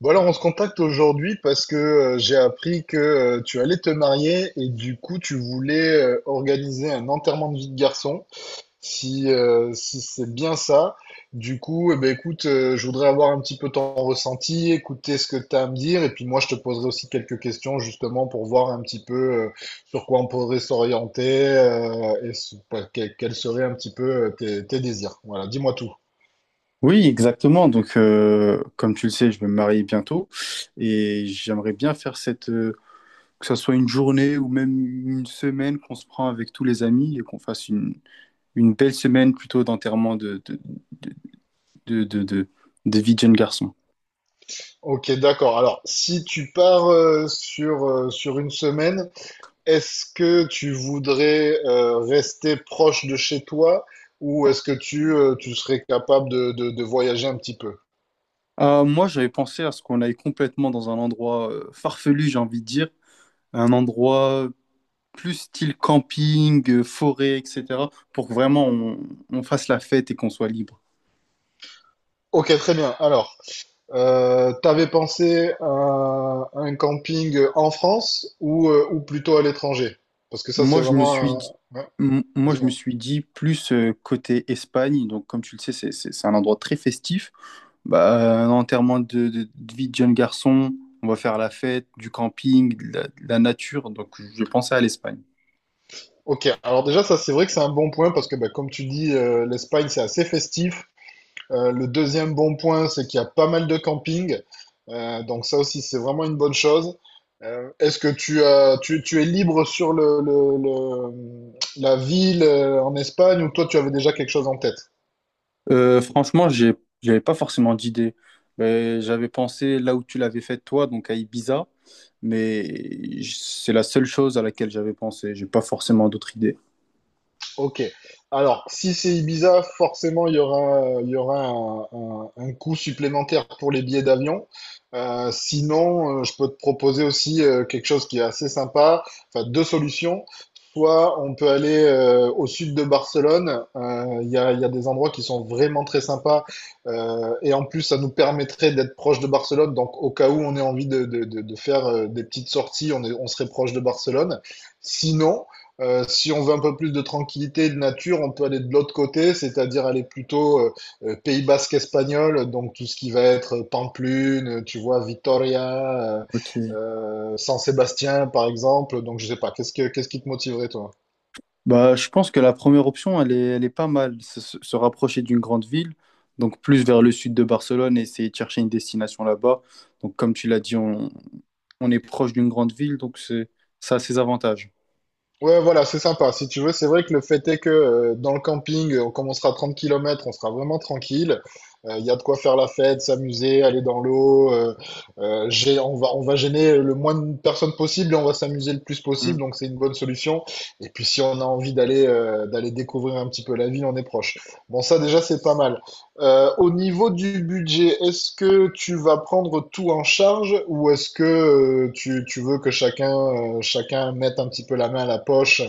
Bon alors on se contacte aujourd'hui parce que j'ai appris que tu allais te marier et du coup tu voulais organiser un enterrement de vie de garçon, si, si c'est bien ça. Du coup, eh ben, écoute, je voudrais avoir un petit peu ton ressenti, écouter ce que tu as à me dire et puis moi je te poserai aussi quelques questions justement pour voir un petit peu euh, sur quoi on pourrait s'orienter, quels seraient un petit peu tes désirs. Voilà, dis-moi tout. Oui, exactement. Donc, comme tu le sais, je vais me marier bientôt et j'aimerais bien faire cette, que ce soit une journée ou même une semaine qu'on se prend avec tous les amis et qu'on fasse une belle semaine plutôt d'enterrement de, de, de, de- de vie de jeune garçon. Ok, d'accord. Alors, si tu pars sur, sur une semaine, est-ce que tu voudrais rester proche de chez toi ou est-ce que tu, tu serais capable de voyager un petit peu? Moi, j'avais pensé à ce qu'on aille complètement dans un endroit farfelu, j'ai envie de dire, un endroit plus style camping, forêt, etc., pour que vraiment on fasse la fête et qu'on soit libre. Ok, très bien. Alors, t'avais pensé à un camping en France ou plutôt à l'étranger? Parce que ça, c'est Moi, je me vraiment suis un... dit, ouais, moi, je me dis-moi. suis dit plus côté Espagne. Donc, comme tu le sais, c'est un endroit très festif. Bah, un enterrement de vie de jeune garçon, on va faire la fête, du camping, de la nature. Donc, je pensais à l'Espagne. Ok, alors déjà, ça, c'est vrai que c'est un bon point parce que, bah, comme tu dis, l'Espagne, c'est assez festif. Le deuxième bon point, c'est qu'il y a pas mal de camping. Donc ça aussi, c'est vraiment une bonne chose. Est-ce que tu es libre sur le, la ville en Espagne ou toi, tu avais déjà quelque chose en tête? Franchement, j'avais pas forcément d'idée. Mais j'avais pensé là où tu l'avais fait toi, donc à Ibiza. Mais c'est la seule chose à laquelle j'avais pensé. J'ai pas forcément d'autres idées. Ok. Alors, si c'est Ibiza, forcément, il y aura un, un coût supplémentaire pour les billets d'avion. Sinon, je peux te proposer aussi quelque chose qui est assez sympa. Enfin, deux solutions. Soit on peut aller au sud de Barcelone. Il y a des endroits qui sont vraiment très sympas. Et en plus, ça nous permettrait d'être proche de Barcelone. Donc, au cas où on ait envie de faire des petites sorties, on serait proche de Barcelone. Sinon, si on veut un peu plus de tranquillité et de nature, on peut aller de l'autre côté, c'est-à-dire aller plutôt Pays basque espagnol, donc tout ce qui va être Pamplune, tu vois, Vitoria, Ok. San Sébastien par exemple. Donc je sais pas, qu'est-ce qui te motiverait toi? Bah, je pense que la première option, elle est pas mal. Se rapprocher d'une grande ville, donc plus vers le sud de Barcelone et essayer de chercher une destination là-bas. Donc, comme tu l'as dit, on est proche d'une grande ville, donc c'est, ça a ses avantages. Ouais, voilà, c'est sympa. Si tu veux, c'est vrai que le fait est que dans le camping, comme on sera à 30 kilomètres, on sera vraiment tranquille. Il y a de quoi faire la fête, s'amuser, aller dans l'eau. On va, on va gêner le moins de personnes possible et on va s'amuser le plus possible. Mm. Donc c'est une bonne solution. Et puis si on a envie d'aller d'aller découvrir un petit peu la ville, on est proche. Bon, ça déjà, c'est pas mal. Au niveau du budget, est-ce que tu vas prendre tout en charge ou est-ce que tu, tu veux que chacun, chacun mette un petit peu la main à la poche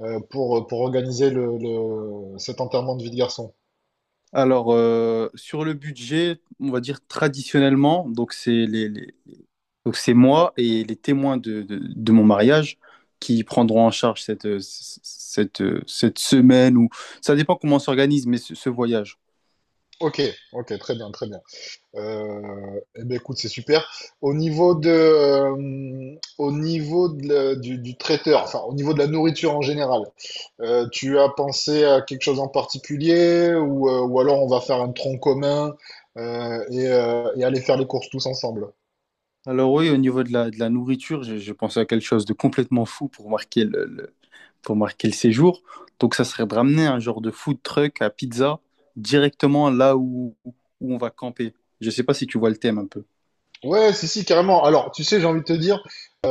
pour organiser le, cet enterrement de vie de garçon? Alors, sur le budget, on va dire traditionnellement, donc c'est moi et les témoins de mon mariage qui prendront en charge cette, cette, cette semaine ou ça dépend comment on s'organise, mais ce voyage. Ok, ok, très bien, très bien. Eh ben écoute, c'est super. Au niveau de, au niveau du traiteur, enfin au niveau de la nourriture en général, tu as pensé à quelque chose en particulier ou alors on va faire un tronc commun et aller faire les courses tous ensemble. Alors oui, au niveau de la nourriture, j'ai pensé à quelque chose de complètement fou pour marquer pour marquer le séjour. Donc ça serait de ramener un genre de food truck à pizza directement là où, où on va camper. Je sais pas si tu vois le thème un peu. Ouais, si, si, carrément. Alors, tu sais, j'ai envie de te dire,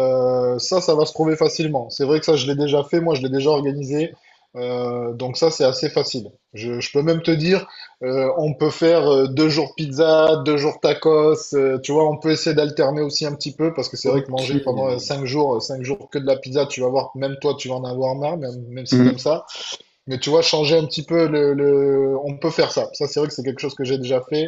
ça, ça va se trouver facilement. C'est vrai que ça, je l'ai déjà fait, moi, je l'ai déjà organisé. Donc ça, c'est assez facile. Je peux même te dire, on peut faire 2 jours pizza, 2 jours tacos. Tu vois, on peut essayer d'alterner aussi un petit peu parce que c'est vrai que Ok. manger pendant cinq jours que de la pizza, tu vas voir, même toi, tu vas en avoir marre, même, même si t'aimes Mm. ça. Mais tu vois, changer un petit peu le, on peut faire ça. Ça, c'est vrai que c'est quelque chose que j'ai déjà fait.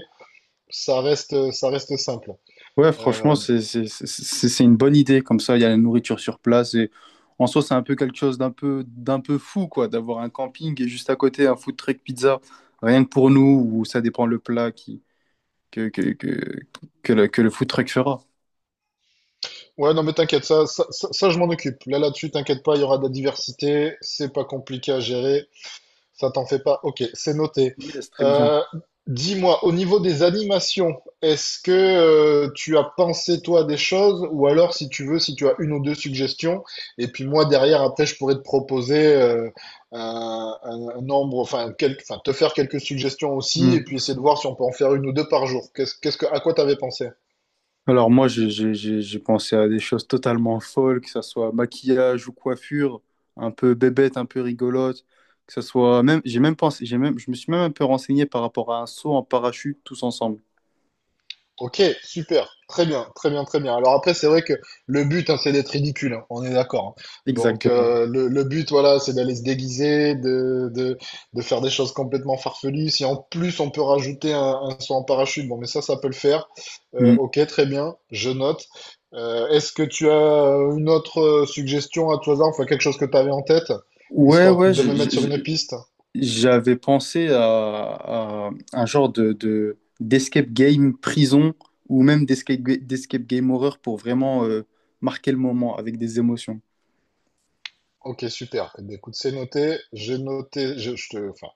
Ça reste simple. Ouais, franchement, Euh, c'est une bonne idée. Comme ça, il y a la nourriture sur place. Et en soi, c'est un peu quelque chose d'un peu fou, quoi, d'avoir un camping et juste à côté un food truck pizza, rien que pour nous, ou ça dépend le plat qui, que, que, que, que le food truck fera. ouais, non, mais t'inquiète, ça, je m'en occupe. Là, là-dessus, t'inquiète pas, il y aura de la diversité. C'est pas compliqué à gérer. Ça t'en fait pas? Ok, c'est noté. Yes, très bien. Euh, Dis-moi, au niveau des animations, est-ce que tu as pensé toi des choses, ou alors si tu veux, si tu as une ou deux suggestions, et puis moi derrière après je pourrais te proposer un nombre, enfin, enfin, te faire quelques suggestions aussi, Hmm. et puis essayer de voir si on peut en faire une ou deux par jour. À quoi t'avais pensé? Alors moi, j'ai pensé à des choses totalement folles, que ça soit maquillage ou coiffure, un peu bébête, un peu rigolote, que ça soit même, j'ai même pensé, j'ai même, je me suis même un peu renseigné par rapport à un saut en parachute tous ensemble. Ok, super, très bien, très bien, très bien. Alors après, c'est vrai que le but, hein, c'est d'être ridicule, hein, on est d'accord. Hein. Donc Exactement. Le but, voilà, c'est d'aller se déguiser, de faire des choses complètement farfelues. Si en plus on peut rajouter un saut en parachute, bon, mais ça peut le faire. Hmm. Ok, très bien, je note. Est-ce que tu as une autre suggestion à tout hasard, enfin quelque chose que tu avais en tête, Ouais, histoire ouais, de me mettre sur une piste? j'avais pensé à un genre d'escape game prison ou même d'escape game horreur pour vraiment marquer le moment avec des émotions. Ok, super. Eh bien, écoute, c'est noté. J'ai noté, enfin,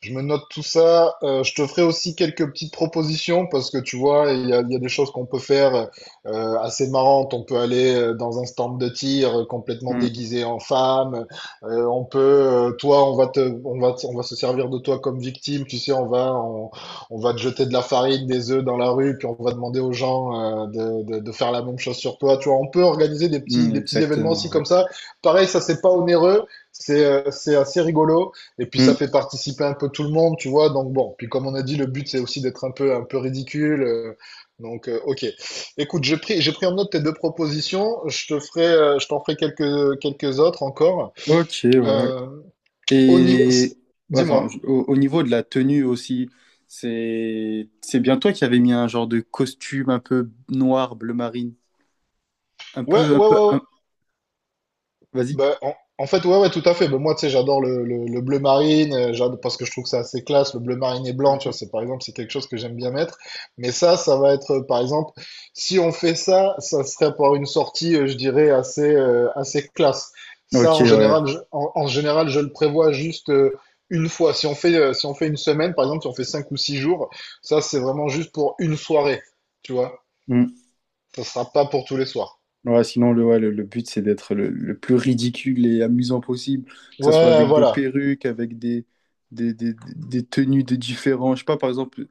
je me note tout ça. Je te ferai aussi quelques petites propositions parce que tu vois, il y a des choses qu'on peut faire assez marrantes. On peut aller dans un stand de tir complètement Mm, déguisé en femme. On peut, toi, on va se servir de toi comme victime. Tu sais, on va te jeter de la farine, des œufs dans la rue, puis on va demander aux gens de faire la même chose sur toi. Tu vois, on peut organiser mm, des petits événements exactement, aussi comme ouais. ça. Pareil, ça c'est pas onéreux, c'est assez rigolo. Et puis Mm. ça fait participer un peu tout le monde, tu vois. Donc bon, puis comme on a dit, le but c'est aussi d'être un peu ridicule. Ok. Écoute, j'ai pris en note tes deux propositions. Je te ferai, je t'en ferai quelques autres encore. Ok, ouais. Euh, Au niveau, Et dis-moi. attends, au, au niveau de la tenue aussi, c'est bien toi qui avais mis un genre de costume un peu noir, bleu marine, un Ouais, peu, ouais, un peu, ouais, ouais. un- vas-y. Bah, en fait, ouais, ouais, tout à fait. Bah, moi, tu sais, j'adore le, le bleu marine, parce que je trouve que c'est assez classe. Le bleu marine et blanc, tu Mhm. vois, c'est par exemple, c'est quelque chose que j'aime bien mettre. Mais ça va être, par exemple, si on fait ça, ça serait pour une sortie, je dirais, assez, assez classe. Ça, Ok, en ouais. général, en général, je le prévois juste une fois. Si on fait, si on fait une semaine, par exemple, si on fait 5 ou 6 jours, ça, c'est vraiment juste pour une soirée, tu vois. Mm. Ça sera pas pour tous les soirs. Ouais, sinon, le but, c'est d'être le plus ridicule et amusant possible, que ça soit Ouais, avec des voilà. perruques, avec des tenues de différents, je sais pas, par exemple,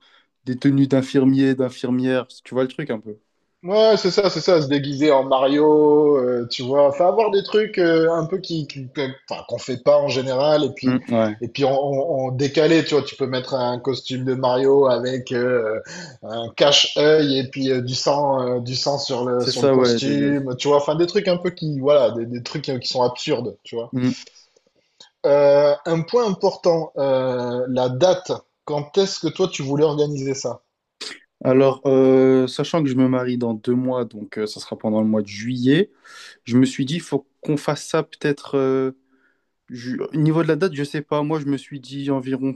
des tenues d'infirmiers, d'infirmières, tu vois le truc un peu. Ouais, c'est ça, se déguiser en Mario, tu vois, enfin avoir des trucs un peu qui, enfin, qu'on fait pas en général, Mm, ouais, et puis en décalé, tu vois, tu peux mettre un costume de Mario avec un cache-œil et puis du sang c'est sur le ça, ouais. Costume, tu vois, enfin des trucs un peu qui, voilà, des trucs qui sont absurdes, tu vois. Mm. Un point important, la date. Quand est-ce que toi tu voulais organiser ça? Alors, sachant que je me marie dans 2 mois, donc ça sera pendant le mois de juillet, je me suis dit, il faut qu'on fasse ça peut-être. Au niveau de la date, je sais pas, moi, je me suis dit environ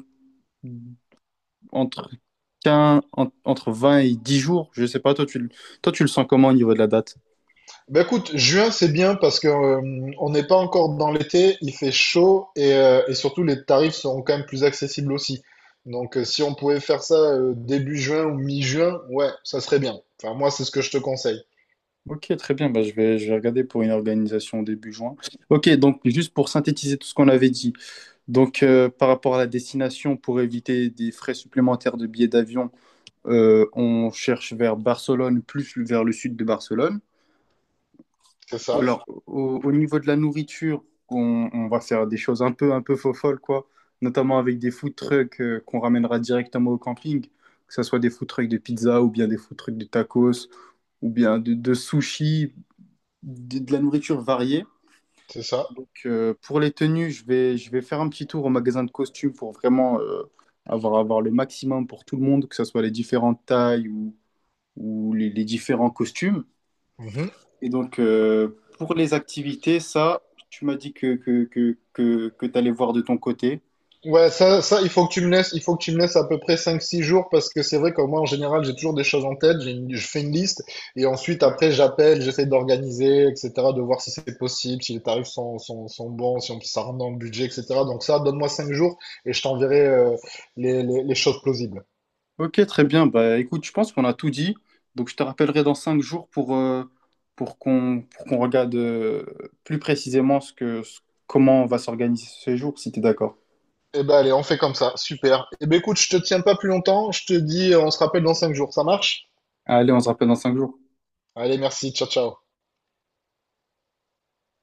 entre entre 20 et 10 jours. Je sais pas, toi, tu le sens comment au niveau de la date? Bah écoute, juin c'est bien parce que on n'est pas encore dans l'été, il fait chaud et surtout les tarifs seront quand même plus accessibles aussi. Donc si on pouvait faire ça début juin ou mi-juin, ouais, ça serait bien. Enfin moi c'est ce que je te conseille. Ok, très bien. Bah, je vais regarder pour une organisation début juin. Ok, donc juste pour synthétiser tout ce qu'on avait dit. Donc, par rapport à la destination, pour éviter des frais supplémentaires de billets d'avion, on cherche vers Barcelone, plus vers le sud de Barcelone. C'est ça, Alors, au, au niveau de la nourriture, on va faire des choses un peu folles, quoi. Notamment avec des food trucks qu'on ramènera directement au camping, que ce soit des food trucks de pizza ou bien des food trucks de tacos ou bien de sushi, de la nourriture variée. c'est ça. Donc, pour les tenues, je vais faire un petit tour au magasin de costumes pour vraiment avoir, avoir le maximum pour tout le monde, que ce soit les différentes tailles ou les différents costumes. Mhm. Et donc, pour les activités, ça, tu m'as dit que tu allais voir de ton côté. Ouais, ça, il faut que tu me laisses à peu près 5, 6 jours parce que c'est vrai que moi, en général, j'ai toujours des choses en tête, je fais une liste et ensuite, Mm. après, j'appelle, j'essaie d'organiser, etc., de voir si c'est possible, si les tarifs sont bons, si on, si ça rentre dans le budget, etc. Donc ça, donne-moi 5 jours et je t'enverrai les choses plausibles. Ok, très bien. Bah, écoute, je pense qu'on a tout dit. Donc, je te rappellerai dans 5 jours pour qu'on regarde plus précisément comment on va s'organiser ce jour, si tu es d'accord. Eh ben, allez, on fait comme ça, super. Eh ben, écoute, je te tiens pas plus longtemps, je te dis, on se rappelle dans 5 jours, ça marche? Allez, on se rappelle dans 5 jours. Allez, merci, ciao, ciao.